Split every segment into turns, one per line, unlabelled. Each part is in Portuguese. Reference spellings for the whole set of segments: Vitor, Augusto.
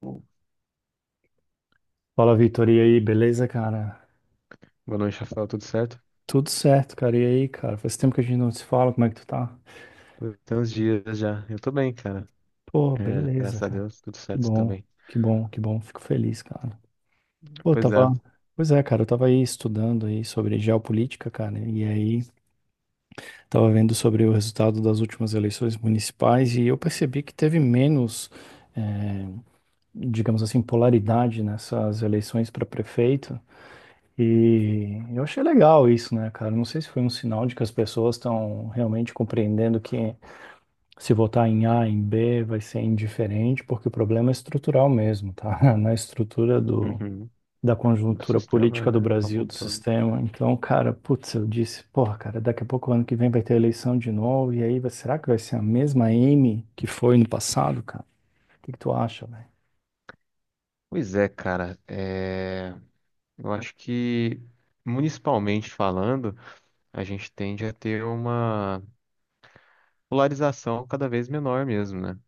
Boa
Fala, Vitor, e aí, beleza, cara?
noite, Rafael. Tudo certo?
Tudo certo, cara. E aí, cara? Faz tempo que a gente não se fala, como é que tu tá?
Pô, tem uns dias já. Eu tô bem, cara.
Pô,
É,
beleza,
graças a
cara.
Deus, tudo
Que
certo
bom,
também.
que bom, que bom. Fico feliz, cara. Pô, eu
Pois é.
tava. Pois é, cara, eu tava aí estudando aí sobre geopolítica, cara, e aí tava vendo sobre o resultado das últimas eleições municipais e eu percebi que teve menos, eh, digamos assim, polaridade nessas eleições para prefeito. E eu achei legal isso, né, cara? Não sei se foi um sinal de que as pessoas estão realmente compreendendo que se votar em A, em B, vai ser indiferente, porque o problema é estrutural mesmo, tá? Na estrutura do,
Uhum.
da
O
conjuntura
sistema,
política do
né? Como
Brasil,
um
do
todo.
sistema. Então, cara, putz, eu disse, porra, cara, daqui a pouco, ano que vem, vai ter eleição de novo, e aí, será que vai ser a mesma M que foi no passado, cara? O que que tu acha, velho?
Pois é, cara. É, eu acho que, municipalmente falando, a gente tende a ter uma polarização cada vez menor mesmo, né?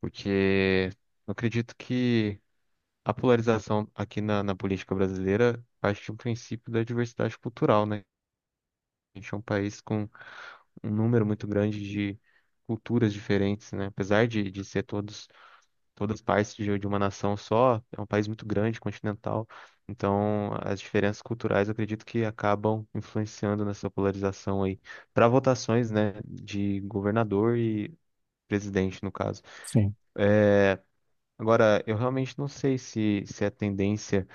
Porque eu acredito que a polarização aqui na política brasileira parte de um princípio da diversidade cultural, né? A gente é um país com um número muito grande de culturas diferentes, né? Apesar de ser todos, todas partes de uma nação só, é um país muito grande, continental. Então, as diferenças culturais, eu acredito que acabam influenciando nessa polarização aí para votações, né, de governador e presidente, no caso.
Sim.
É, agora, eu realmente não sei se é a tendência,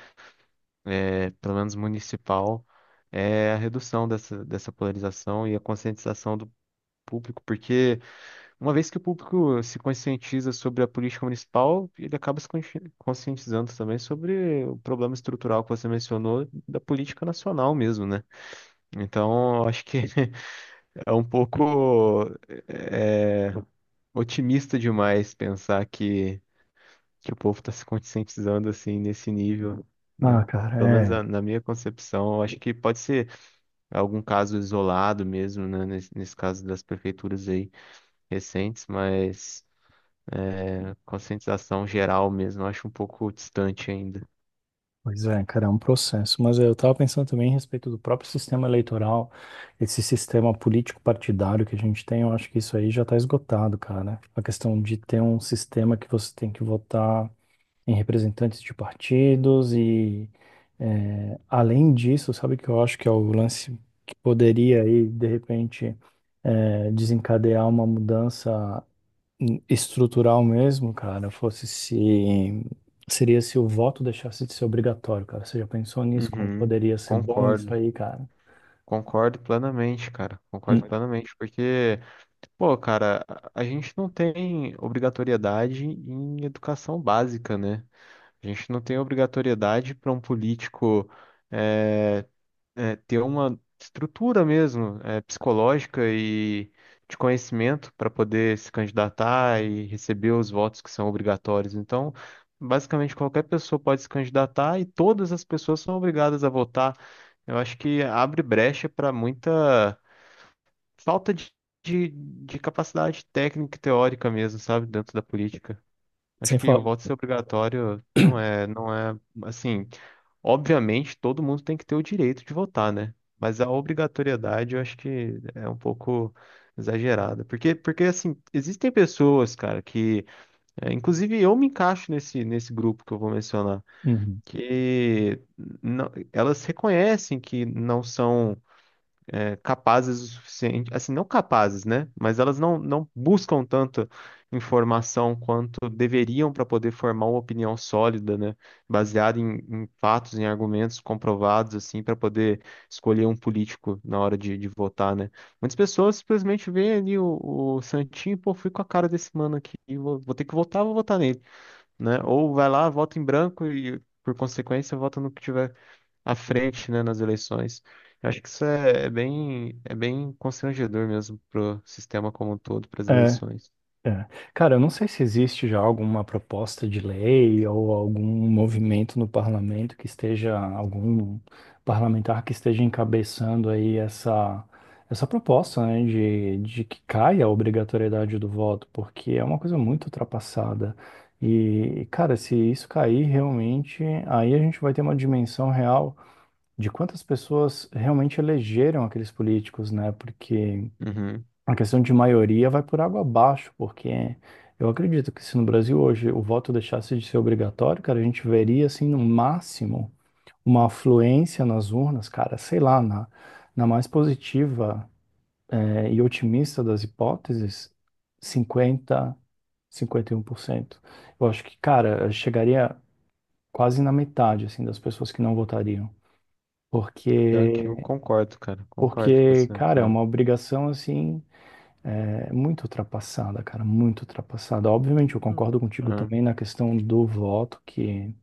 é, pelo menos municipal, é a redução dessa polarização e a conscientização do público, porque uma vez que o público se conscientiza sobre a política municipal, ele acaba se consci- conscientizando também sobre o problema estrutural que você mencionou da política nacional mesmo, né? Então, eu acho que é um pouco, é, otimista demais pensar que o povo está se conscientizando assim nesse nível, né?
Ah, cara,
Pelo menos
é.
na minha concepção, eu acho que pode ser algum caso isolado mesmo, né? Nesse caso das prefeituras aí recentes, mas, conscientização geral mesmo, eu acho um pouco distante ainda.
Pois é, cara, é um processo. Mas eu estava pensando também a respeito do próprio sistema eleitoral, esse sistema político-partidário que a gente tem, eu acho que isso aí já está esgotado, cara. A questão de ter um sistema que você tem que votar em representantes de partidos e, além disso, sabe que eu acho que é o lance que poderia aí, de repente, desencadear uma mudança estrutural mesmo, cara, fosse se seria se o voto deixasse de ser obrigatório, cara. Você já pensou nisso? Como
Uhum,
poderia ser bom isso
concordo.
aí, cara?
Concordo plenamente, cara. Concordo
Hum.
plenamente, porque, pô, cara, a gente não tem obrigatoriedade em educação básica, né? A gente não tem obrigatoriedade para um político eh, ter uma estrutura mesmo, é, psicológica e de conhecimento para poder se candidatar e receber os votos que são obrigatórios. Então, basicamente qualquer pessoa pode se candidatar e todas as pessoas são obrigadas a votar. Eu acho que abre brecha para muita falta de capacidade técnica e teórica mesmo, sabe, dentro da política. Acho
Sem
que o
falar.
voto ser obrigatório não é, não é assim. Obviamente, todo mundo tem que ter o direito de votar, né? Mas a obrigatoriedade eu acho que é um pouco exagerada. Porque, porque assim, existem pessoas, cara, que, é, inclusive, eu me encaixo nesse, nesse grupo que eu vou mencionar,
Uhum.
que elas reconhecem que não são capazes o suficiente, assim, não capazes, né? Mas elas não buscam tanta informação quanto deveriam para poder formar uma opinião sólida, né? Baseada em fatos, em argumentos comprovados, assim, para poder escolher um político na hora de votar, né? Muitas pessoas simplesmente veem ali o Santinho, pô, fui com a cara desse mano aqui, vou ter que votar, vou votar nele, né? Ou vai lá, vota em branco e, por consequência, vota no que tiver à frente, né, nas eleições. Eu acho que isso é, é bem constrangedor mesmo pro sistema como um todo, para as
É,
eleições.
é. Cara, eu não sei se existe já alguma proposta de lei ou algum movimento no parlamento que esteja, algum parlamentar que esteja encabeçando aí essa proposta, né, de que caia a obrigatoriedade do voto, porque é uma coisa muito ultrapassada. E, cara, se isso cair realmente, aí a gente vai ter uma dimensão real de quantas pessoas realmente elegeram aqueles políticos, né? Porque
Uhum.
a questão de maioria vai por água abaixo, porque eu acredito que se no Brasil hoje o voto deixasse de ser obrigatório, cara, a gente veria, assim, no máximo, uma afluência nas urnas, cara, sei lá, na, na mais positiva, e otimista das hipóteses, cinquenta 51%. Eu acho que, cara, chegaria quase na metade, assim, das pessoas que não votariam.
Pior que
Porque,
eu concordo, cara. Concordo com
porque,
essa
cara, é
opinião.
uma obrigação, assim, é muito ultrapassada, cara, muito ultrapassada. Obviamente, eu concordo contigo
Ah,
também na questão do voto, que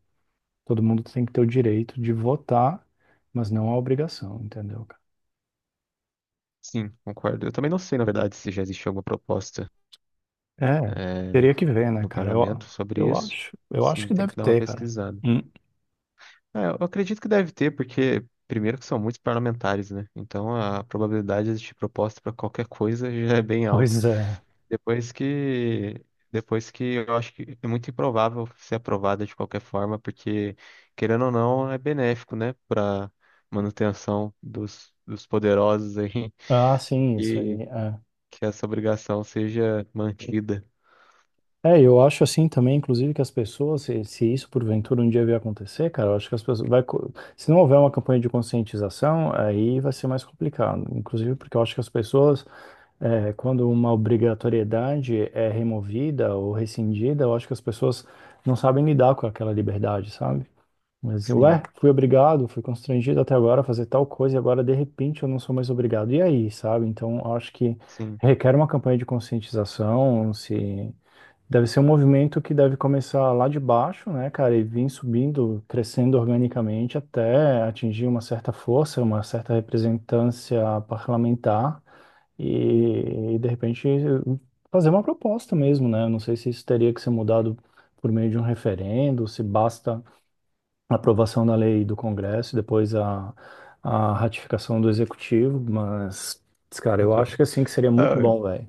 todo mundo tem que ter o direito de votar, mas não a obrigação, entendeu, cara?
sim, concordo. Eu também não sei, na verdade, se já existe alguma proposta,
É,
eh,
teria que ver, né,
no
cara?
parlamento sobre isso.
Eu acho
Sim,
que
tem que
deve
dar uma
ter, cara.
pesquisada.
Hum.
É, eu acredito que deve ter, porque primeiro que são muitos parlamentares, né? Então a probabilidade de existir proposta para qualquer coisa já é bem alta.
Pois é.
Depois que depois que eu acho que é muito improvável ser aprovada de qualquer forma, porque querendo ou não é benéfico, né, para manutenção dos poderosos aí
Ah, sim, isso aí.
que
É.
que essa obrigação seja mantida.
É, eu acho assim também, inclusive, que as pessoas, se isso porventura um dia vier acontecer, cara, eu acho que as pessoas se não houver uma campanha de conscientização, aí vai ser mais complicado. Inclusive, porque eu acho que as pessoas é, quando uma obrigatoriedade é removida ou rescindida, eu acho que as pessoas não sabem lidar com aquela liberdade, sabe? Mas, ué,
Sim,
fui obrigado, fui constrangido até agora a fazer tal coisa e agora, de repente, eu não sou mais obrigado. E aí, sabe? Então, eu acho que
sim.
requer uma campanha de conscientização, se... Deve ser um movimento que deve começar lá de baixo, né, cara, e vir subindo, crescendo organicamente até atingir uma certa força, uma certa representância parlamentar e, de repente fazer uma proposta mesmo, né? Eu não sei se isso teria que ser mudado por meio de um referendo, se basta a aprovação da lei do Congresso e depois a ratificação do Executivo, mas, cara, eu acho que assim que seria muito
Ah,
bom, velho.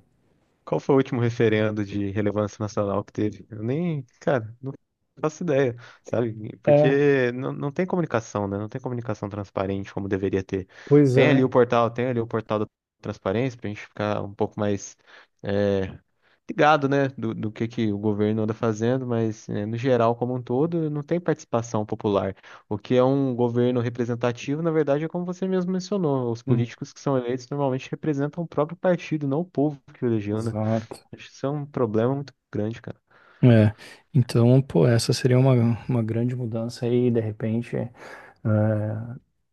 qual foi o último referendo de relevância nacional que teve? Eu nem, cara, não faço ideia, sabe?
É,
Porque não tem comunicação, né? Não tem comunicação transparente como deveria ter.
pois
Tem ali
é.
o portal, tem ali o portal da transparência para a gente ficar um pouco mais, é, ligado, né? Do que o governo anda fazendo, mas é, no geral, como um todo, não tem participação popular. O que é um governo representativo, na verdade, é como você mesmo mencionou: os
Hum,
políticos que são eleitos normalmente representam o próprio partido, não o povo que o elegeu, né?
Exato.
Acho que isso é um problema muito grande, cara.
É, então, pô, essa seria uma grande mudança aí, de repente. É,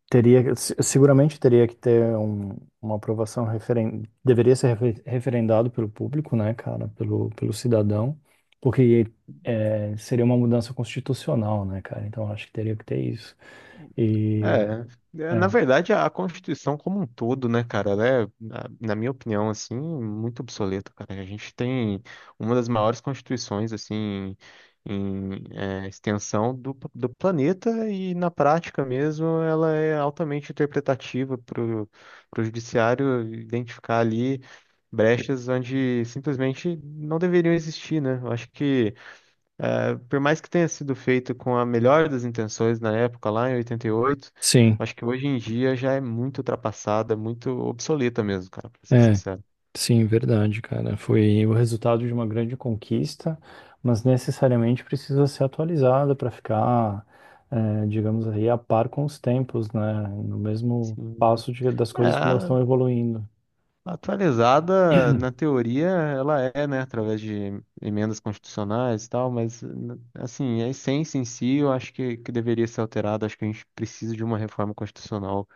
teria, seguramente teria que ter uma aprovação deveria ser referendado pelo público, né, cara, pelo, pelo cidadão, porque é, seria uma mudança constitucional, né, cara? Então acho que teria que ter isso. E
É, na
é,
verdade, a Constituição como um todo, né, cara, ela é, na minha opinião, assim, muito obsoleta, cara. A gente tem uma das maiores constituições, assim, em, extensão do planeta e, na prática mesmo, ela é altamente interpretativa para o judiciário identificar ali brechas onde simplesmente não deveriam existir, né? Eu acho que, é, por mais que tenha sido feito com a melhor das intenções na época, lá em 88,
sim,
acho que hoje em dia já é muito ultrapassada, muito obsoleta mesmo, cara, pra ser
é.
sincero.
Sim, verdade, cara. Foi o resultado de uma grande conquista, mas necessariamente precisa ser atualizada para ficar, digamos aí, a par com os tempos, né? No mesmo
Sim.
passo das
É,
coisas como elas estão evoluindo.
atualizada na teoria ela é, né, através de emendas constitucionais e tal, mas, assim, a essência em si eu acho que deveria ser alterada, acho que a gente precisa de uma reforma constitucional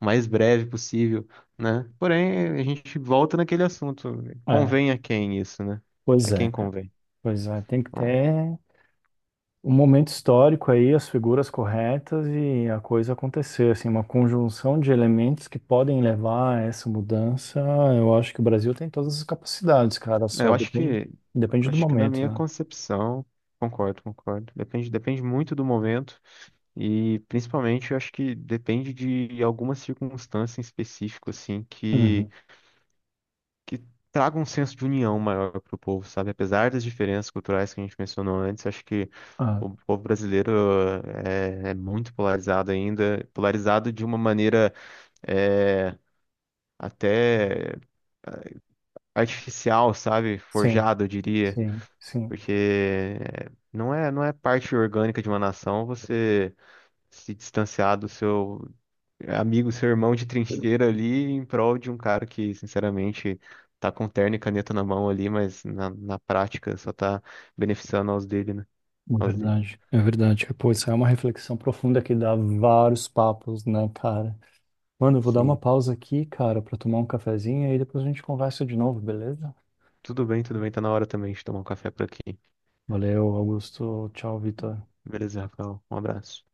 o mais breve possível, né? Porém, a gente volta naquele assunto.
É,
Convém a quem isso, né? A
pois é,
quem
cara.
convém?
Pois é, tem que
Bom,
ter. Um momento histórico aí, as figuras corretas e a coisa acontecer, assim, uma conjunção de elementos que podem levar a essa mudança. Eu acho que o Brasil tem todas as capacidades, cara,
é,
só
eu acho
depende,
que,
depende do
acho que na
momento,
minha
né?
concepção, concordo, concordo. Depende, depende muito do momento e, principalmente, eu acho que depende de alguma circunstância em específico, assim,
Uhum.
que traga um senso de união maior para o povo, sabe? Apesar das diferenças culturais que a gente mencionou antes, acho que
Ah,
o povo brasileiro é muito polarizado ainda, polarizado de uma maneira, é, até artificial, sabe?
sim,
Forjado, eu diria,
sim, sim.
porque é, não é parte orgânica de uma nação você se distanciar do seu amigo, seu irmão de trincheira ali, em prol de um cara que, sinceramente, tá com terno e caneta na mão ali, mas na prática só tá beneficiando aos dele, né?
É
Aos dele.
verdade, é verdade. Pô, isso é uma reflexão profunda que dá vários papos, né, cara? Mano, eu vou dar uma
Sim.
pausa aqui, cara, pra tomar um cafezinho e aí depois a gente conversa de novo, beleza?
Tudo bem, tudo bem. Tá na hora também de tomar um café por aqui.
Valeu, Augusto. Tchau, Vitor.
Beleza, Rafael. Um abraço.